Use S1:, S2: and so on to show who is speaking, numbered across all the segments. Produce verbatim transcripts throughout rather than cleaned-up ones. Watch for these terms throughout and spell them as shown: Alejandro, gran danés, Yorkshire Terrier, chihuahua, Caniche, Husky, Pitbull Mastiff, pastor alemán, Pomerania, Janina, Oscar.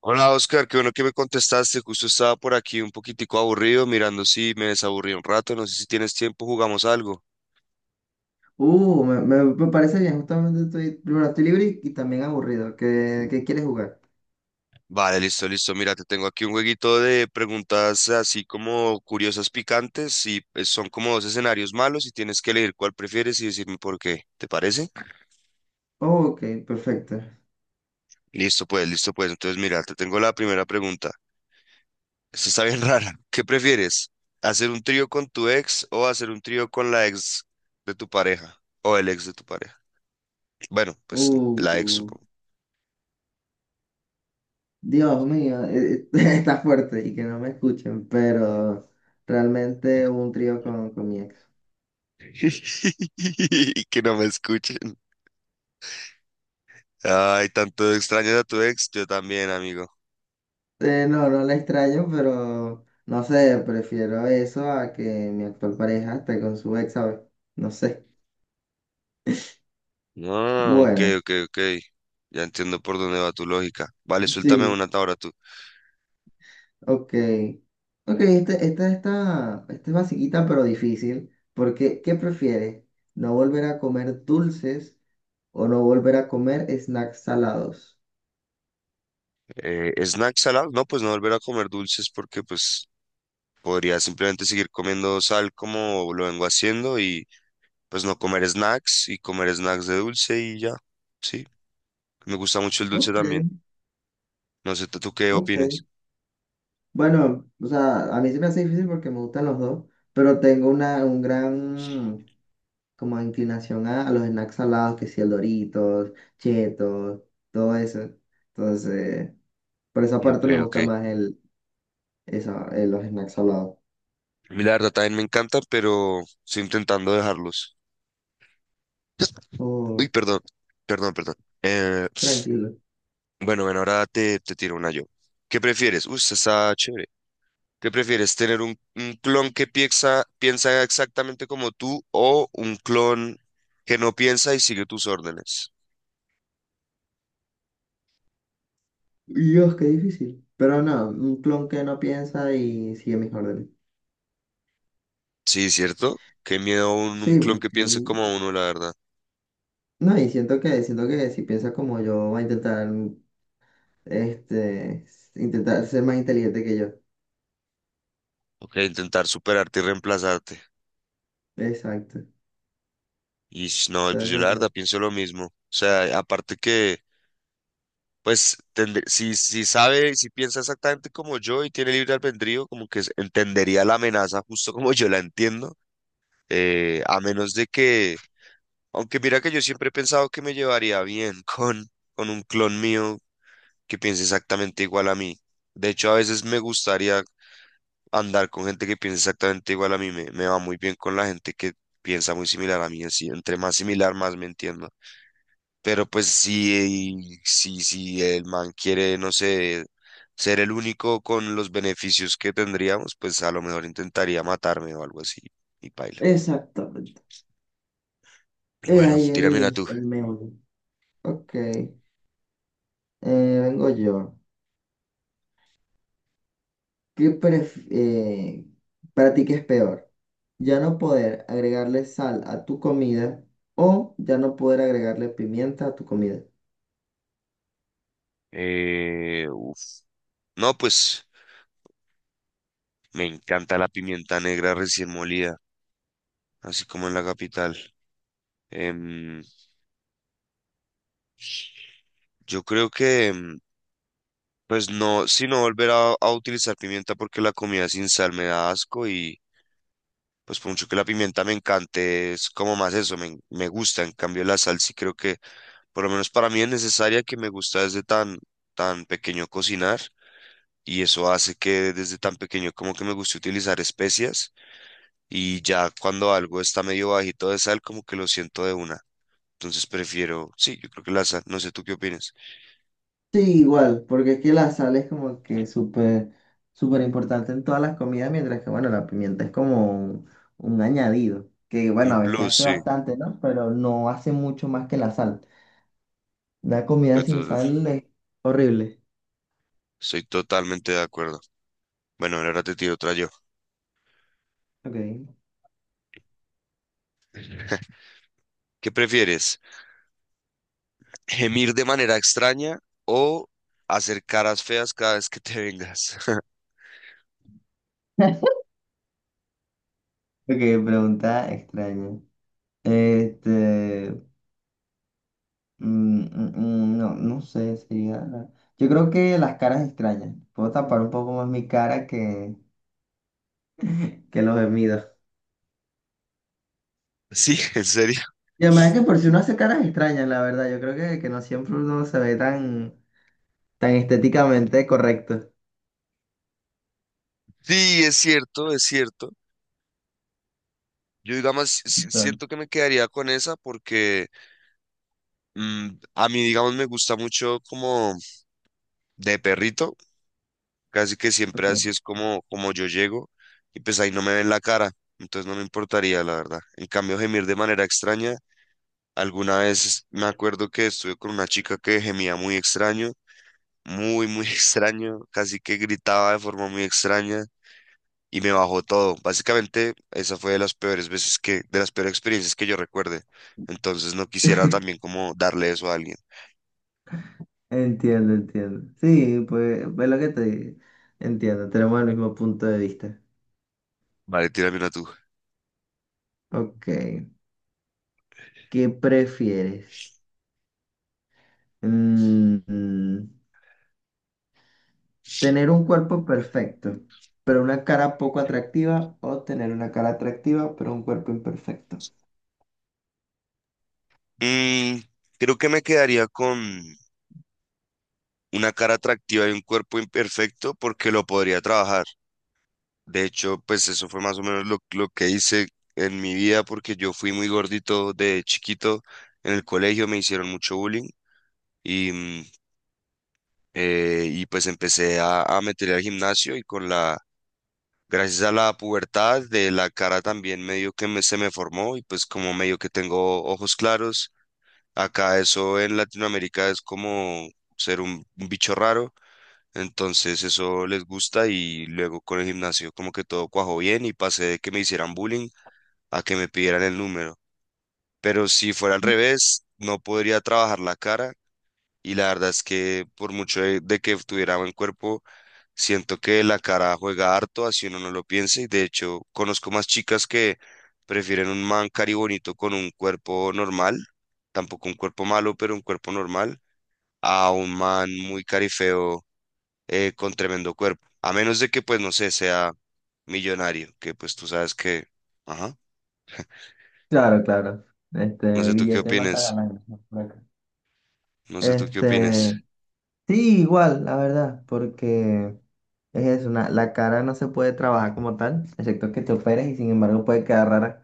S1: Hola Oscar, qué bueno que me contestaste. Justo estaba por aquí un poquitico aburrido, mirando si me desaburrí un rato. No sé si tienes tiempo, jugamos algo.
S2: Uh, me, me- me parece bien, justamente estoy, primero estoy libre y, y también aburrido. ¿Qué, qué quieres jugar?
S1: Vale, listo, listo. Mira, te tengo aquí un jueguito de preguntas así como curiosas, picantes, y pues, son como dos escenarios malos y tienes que elegir cuál prefieres y decirme por qué. ¿Te parece?
S2: Ok, perfecto.
S1: Listo, pues, listo, pues. Entonces, mira, te tengo la primera pregunta. Esta está bien rara. ¿Qué prefieres? ¿Hacer un trío con tu ex o hacer un trío con la ex de tu pareja o el ex de tu pareja? Bueno, pues
S2: Uh,
S1: la ex,
S2: uh,
S1: supongo.
S2: Dios mío, eh, está fuerte y que no me escuchen, pero realmente hubo un trío con, con mi ex.
S1: Y que no me escuchen. Ay, tanto extrañas a tu ex, yo también, amigo.
S2: Eh, no, no la extraño, pero no sé, prefiero eso a que mi actual pareja esté con su ex, ¿sabes? No sé.
S1: No, ok,
S2: Bueno,
S1: ok, ok. Ya entiendo por dónde va tu lógica. Vale, suéltame una
S2: sí.
S1: ahora tú.
S2: Ok, ok, esta, esta, esta, esta es basiquita pero difícil, porque ¿qué prefieres? ¿No volver a comer dulces o no volver a comer snacks salados?
S1: Eh, ¿snacks salados? No, pues no volver a comer dulces porque pues podría simplemente seguir comiendo sal como lo vengo haciendo y pues no comer snacks y comer snacks de dulce y ya. Sí, me gusta mucho el dulce
S2: Ok,
S1: también. No sé, ¿tú tú qué
S2: ok.
S1: opinas?
S2: Bueno, o sea, a mí se me hace difícil porque me gustan los dos, pero tengo una un gran como inclinación a, a los snacks salados, que si el Doritos, Cheetos, todo eso. Entonces, por esa
S1: Ok,
S2: parte me
S1: ok.
S2: gusta más el, esa, el- los snacks salados.
S1: A mí la verdad también me encanta, pero estoy intentando dejarlos. Uy,
S2: Oh,
S1: perdón, perdón, perdón. Eh,
S2: tranquilo.
S1: bueno, bueno, ahora te, te tiro una yo. ¿Qué prefieres? Uy, esta está chévere. ¿Qué prefieres? ¿Tener un, un clon que piensa, piensa exactamente como tú o un clon que no piensa y sigue tus órdenes?
S2: Dios, qué difícil. Pero no, un clon que no piensa y sigue mis órdenes.
S1: Sí, ¿cierto? Qué miedo un, un
S2: Sí,
S1: clon que
S2: porque...
S1: piense
S2: mm,
S1: como uno, la verdad.
S2: no, y siento que, siento que si piensa como yo, va a intentar, mm, este, intentar ser más inteligente que yo.
S1: Ok, intentar superarte y reemplazarte.
S2: Exacto.
S1: Y no, pues yo la
S2: Entonces, no.
S1: verdad pienso lo mismo. O sea, aparte que. Pues tende- si, si sabe, si piensa exactamente como yo y tiene libre albedrío, como que s- entendería la amenaza justo como yo la entiendo, eh, a menos de que, aunque mira que yo siempre he pensado que me llevaría bien con, con, un clon mío que piense exactamente igual a mí. De hecho, a veces me gustaría andar con gente que piense exactamente igual a mí, me, me va muy bien con la gente que piensa muy similar a mí, así, entre más similar, más me entiendo. Pero pues si, si, si el man quiere, no sé, ser el único con los beneficios que tendríamos, pues a lo mejor intentaría matarme o algo así y paila.
S2: Exactamente. Es
S1: Bueno,
S2: ahí
S1: tírame una
S2: el,
S1: tú.
S2: el meollo. Ok. eh, vengo yo. ¿Qué pref- eh, para ti qué es peor? ¿Ya no poder agregarle sal a tu comida o ya no poder agregarle pimienta a tu comida?
S1: Eh, uf. No, pues me encanta la pimienta negra recién molida, así como en la capital. Em, yo creo que, em, pues no, si no volver a, a utilizar pimienta porque la comida sin sal me da asco y pues por mucho que la pimienta me encante, es como más eso, me, me gusta. En cambio, la sal sí creo que, por lo menos para mí es necesaria que me gusta desde tan, tan pequeño cocinar. Y eso hace que desde tan pequeño como que me guste utilizar especias. Y ya cuando algo está medio bajito de sal, como que lo siento de una. Entonces prefiero, sí, yo creo que la sal, no sé tú qué opinas.
S2: Sí, igual, porque es que la sal es como que súper, súper importante en todas las comidas, mientras que, bueno, la pimienta es como un, un añadido, que,
S1: En
S2: bueno, a veces
S1: plus,
S2: hace
S1: sí,
S2: bastante, ¿no? Pero no hace mucho más que la sal. Una comida sin sal es horrible.
S1: estoy totalmente de acuerdo. Bueno, ahora te tiro otra yo.
S2: Ok.
S1: ¿Qué prefieres? gemir de manera extraña o hacer caras feas cada vez que te vengas.
S2: Ok, pregunta extraña. Este, mm, mm, mm, no, no sé, sería... la- yo creo que las caras extrañas. Puedo tapar un poco más mi cara que, que los gemidos.
S1: Sí, en serio.
S2: Y además que por si uno hace caras extrañas, la verdad, yo creo que, que no siempre uno se ve tan, tan estéticamente correcto.
S1: Sí, es cierto, es cierto. Yo, digamos, si- si,
S2: Tal.
S1: siento que me quedaría con esa porque mm, a mí, digamos, me gusta mucho como de perrito, casi que siempre
S2: Ok,
S1: así es como, como yo llego y pues ahí no me ven la cara, entonces no me importaría, la verdad. En cambio, gemir de manera extraña, alguna vez me acuerdo que estuve con una chica que gemía muy extraño muy, muy extraño, casi que gritaba de forma muy extraña y me bajó todo. Básicamente, esa fue de las peores veces que, de las peores experiencias que yo recuerde. Entonces no quisiera también como darle eso a alguien.
S2: entiendo, entiendo. Sí, pues es lo que te digo. Entiendo, tenemos el mismo punto de vista.
S1: Vale, tírame una tú.
S2: Ok, ¿qué prefieres? Mm, mm, ¿tener un cuerpo perfecto, pero una cara poco atractiva o tener una cara atractiva, pero un cuerpo imperfecto?
S1: Mm, Creo que me quedaría con una cara atractiva y un cuerpo imperfecto porque lo podría trabajar. De hecho, pues eso fue más o menos lo, lo que hice en mi vida porque yo fui muy gordito de chiquito. En el colegio me hicieron mucho bullying y mm, eh, y pues empecé a, a meterle al gimnasio y con la, gracias a la pubertad de la cara también medio que me, se me formó y pues como medio que tengo ojos claros, acá eso en Latinoamérica es como ser un, un bicho raro, entonces eso les gusta y luego con el gimnasio como que todo cuajó bien y pasé de que me hicieran bullying a que me pidieran el número, pero si fuera al revés, no podría trabajar la cara y la verdad es que por mucho de, de, que tuviera buen cuerpo, siento que la cara juega harto, así uno no lo piensa. Y de hecho, conozco más chicas que prefieren un man cari bonito con un cuerpo normal, tampoco un cuerpo malo, pero un cuerpo normal, a un man muy carifeo eh, con tremendo cuerpo. A menos de que, pues, no sé, sea millonario, que pues tú sabes que. Ajá.
S2: Claro, claro.
S1: No
S2: Este
S1: sé tú qué
S2: billete mata
S1: opines.
S2: ganancias por acá.
S1: No sé tú qué opines.
S2: Este, Sí, igual, la verdad, porque es eso, una- la cara no se puede trabajar como tal, excepto que te operes y sin embargo puede quedar rara,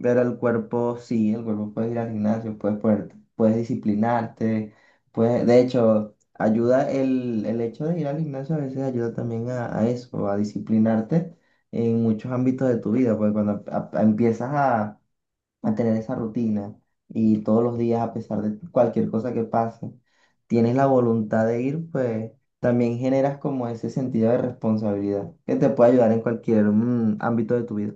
S2: pero el cuerpo sí, el cuerpo puede ir al gimnasio, puedes ponerte- puedes disciplinarte, puedes, de hecho, ayuda el, el hecho de ir al gimnasio a veces ayuda también a, a eso, a disciplinarte en muchos ámbitos de tu vida, porque cuando a- a- empiezas a mantener esa rutina y todos los días, a pesar de cualquier cosa que pase, tienes la voluntad de ir, pues también generas como ese sentido de responsabilidad que te puede ayudar en cualquier mm, ámbito de tu vida.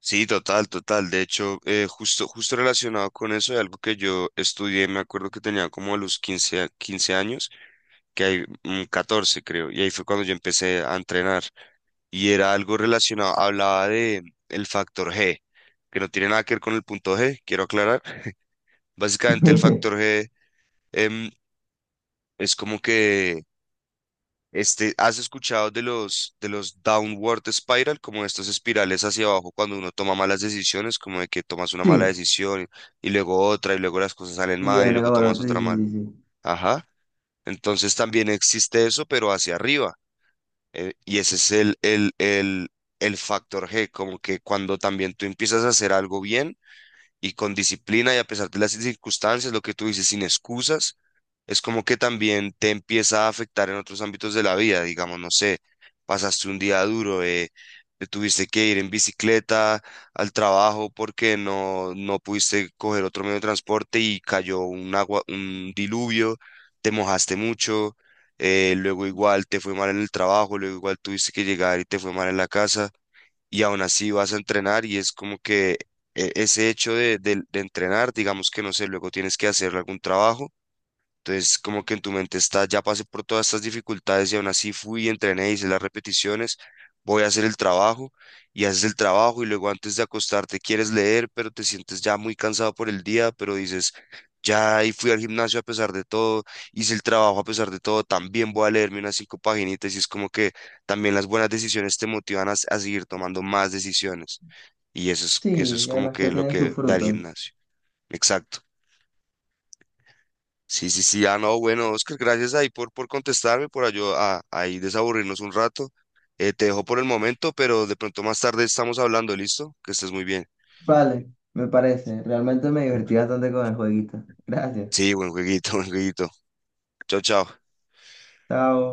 S1: Sí, total, total. De hecho, eh, justo, justo relacionado con eso, de algo que yo estudié, me acuerdo que tenía como a los quince, a- quince años, que hay mm, catorce creo, y ahí fue cuando yo empecé a entrenar. Y era algo relacionado, hablaba de el factor G, que no tiene nada que ver con el punto G, quiero aclarar. Básicamente el factor G em, es como que. Este, ¿has escuchado de los, de los, downward spiral, como estas espirales hacia abajo cuando uno toma malas decisiones, como de que tomas una mala
S2: Sí,
S1: decisión y luego otra y luego las cosas salen
S2: y
S1: mal y
S2: viene,
S1: luego tomas
S2: cabrón, sí,
S1: otra
S2: sí,
S1: mal?
S2: sí, sí.
S1: Ajá. Entonces también existe eso, pero hacia arriba. Eh, y ese es el, el, el, el factor G, como que cuando también tú empiezas a hacer algo bien y con disciplina y a pesar de las circunstancias, lo que tú dices, sin excusas es como que también te empieza a afectar en otros ámbitos de la vida, digamos, no sé, pasaste un día duro, eh, te tuviste que ir en bicicleta al trabajo porque no, no pudiste coger otro medio de transporte y cayó un agua, un diluvio, te mojaste mucho, eh, luego igual te fue mal en el trabajo, luego igual tuviste que llegar y te fue mal en la casa y aún así vas a entrenar y es como que. eh, Ese hecho de, de de entrenar, digamos que no sé, luego tienes que hacer algún trabajo entonces, como que en tu mente está, ya pasé por todas estas dificultades y aún así fui, entrené, hice las repeticiones, voy a hacer el trabajo y haces el trabajo y luego antes de acostarte quieres leer, pero te sientes ya muy cansado por el día, pero dices, ya y fui al gimnasio a pesar de todo, hice el trabajo a pesar de todo, también voy a leerme unas cinco paginitas y es como que también las buenas decisiones te motivan a, s- a seguir tomando más decisiones y eso es, eso
S2: Sí,
S1: es
S2: y
S1: como
S2: además que
S1: que lo
S2: tiene sus
S1: que da el
S2: frutos.
S1: gimnasio. Exacto. Sí, sí, sí. Ah, no, bueno, Oscar, gracias ahí por, por, contestarme, por ayo- a- ahí desaburrirnos un rato. Eh, te dejo por el momento, pero de pronto más tarde estamos hablando, ¿listo? Que estés muy bien.
S2: Vale, me parece. Realmente me divertí bastante con el jueguito. Gracias.
S1: Sí, buen jueguito, buen jueguito. Chao, chao.
S2: Chao.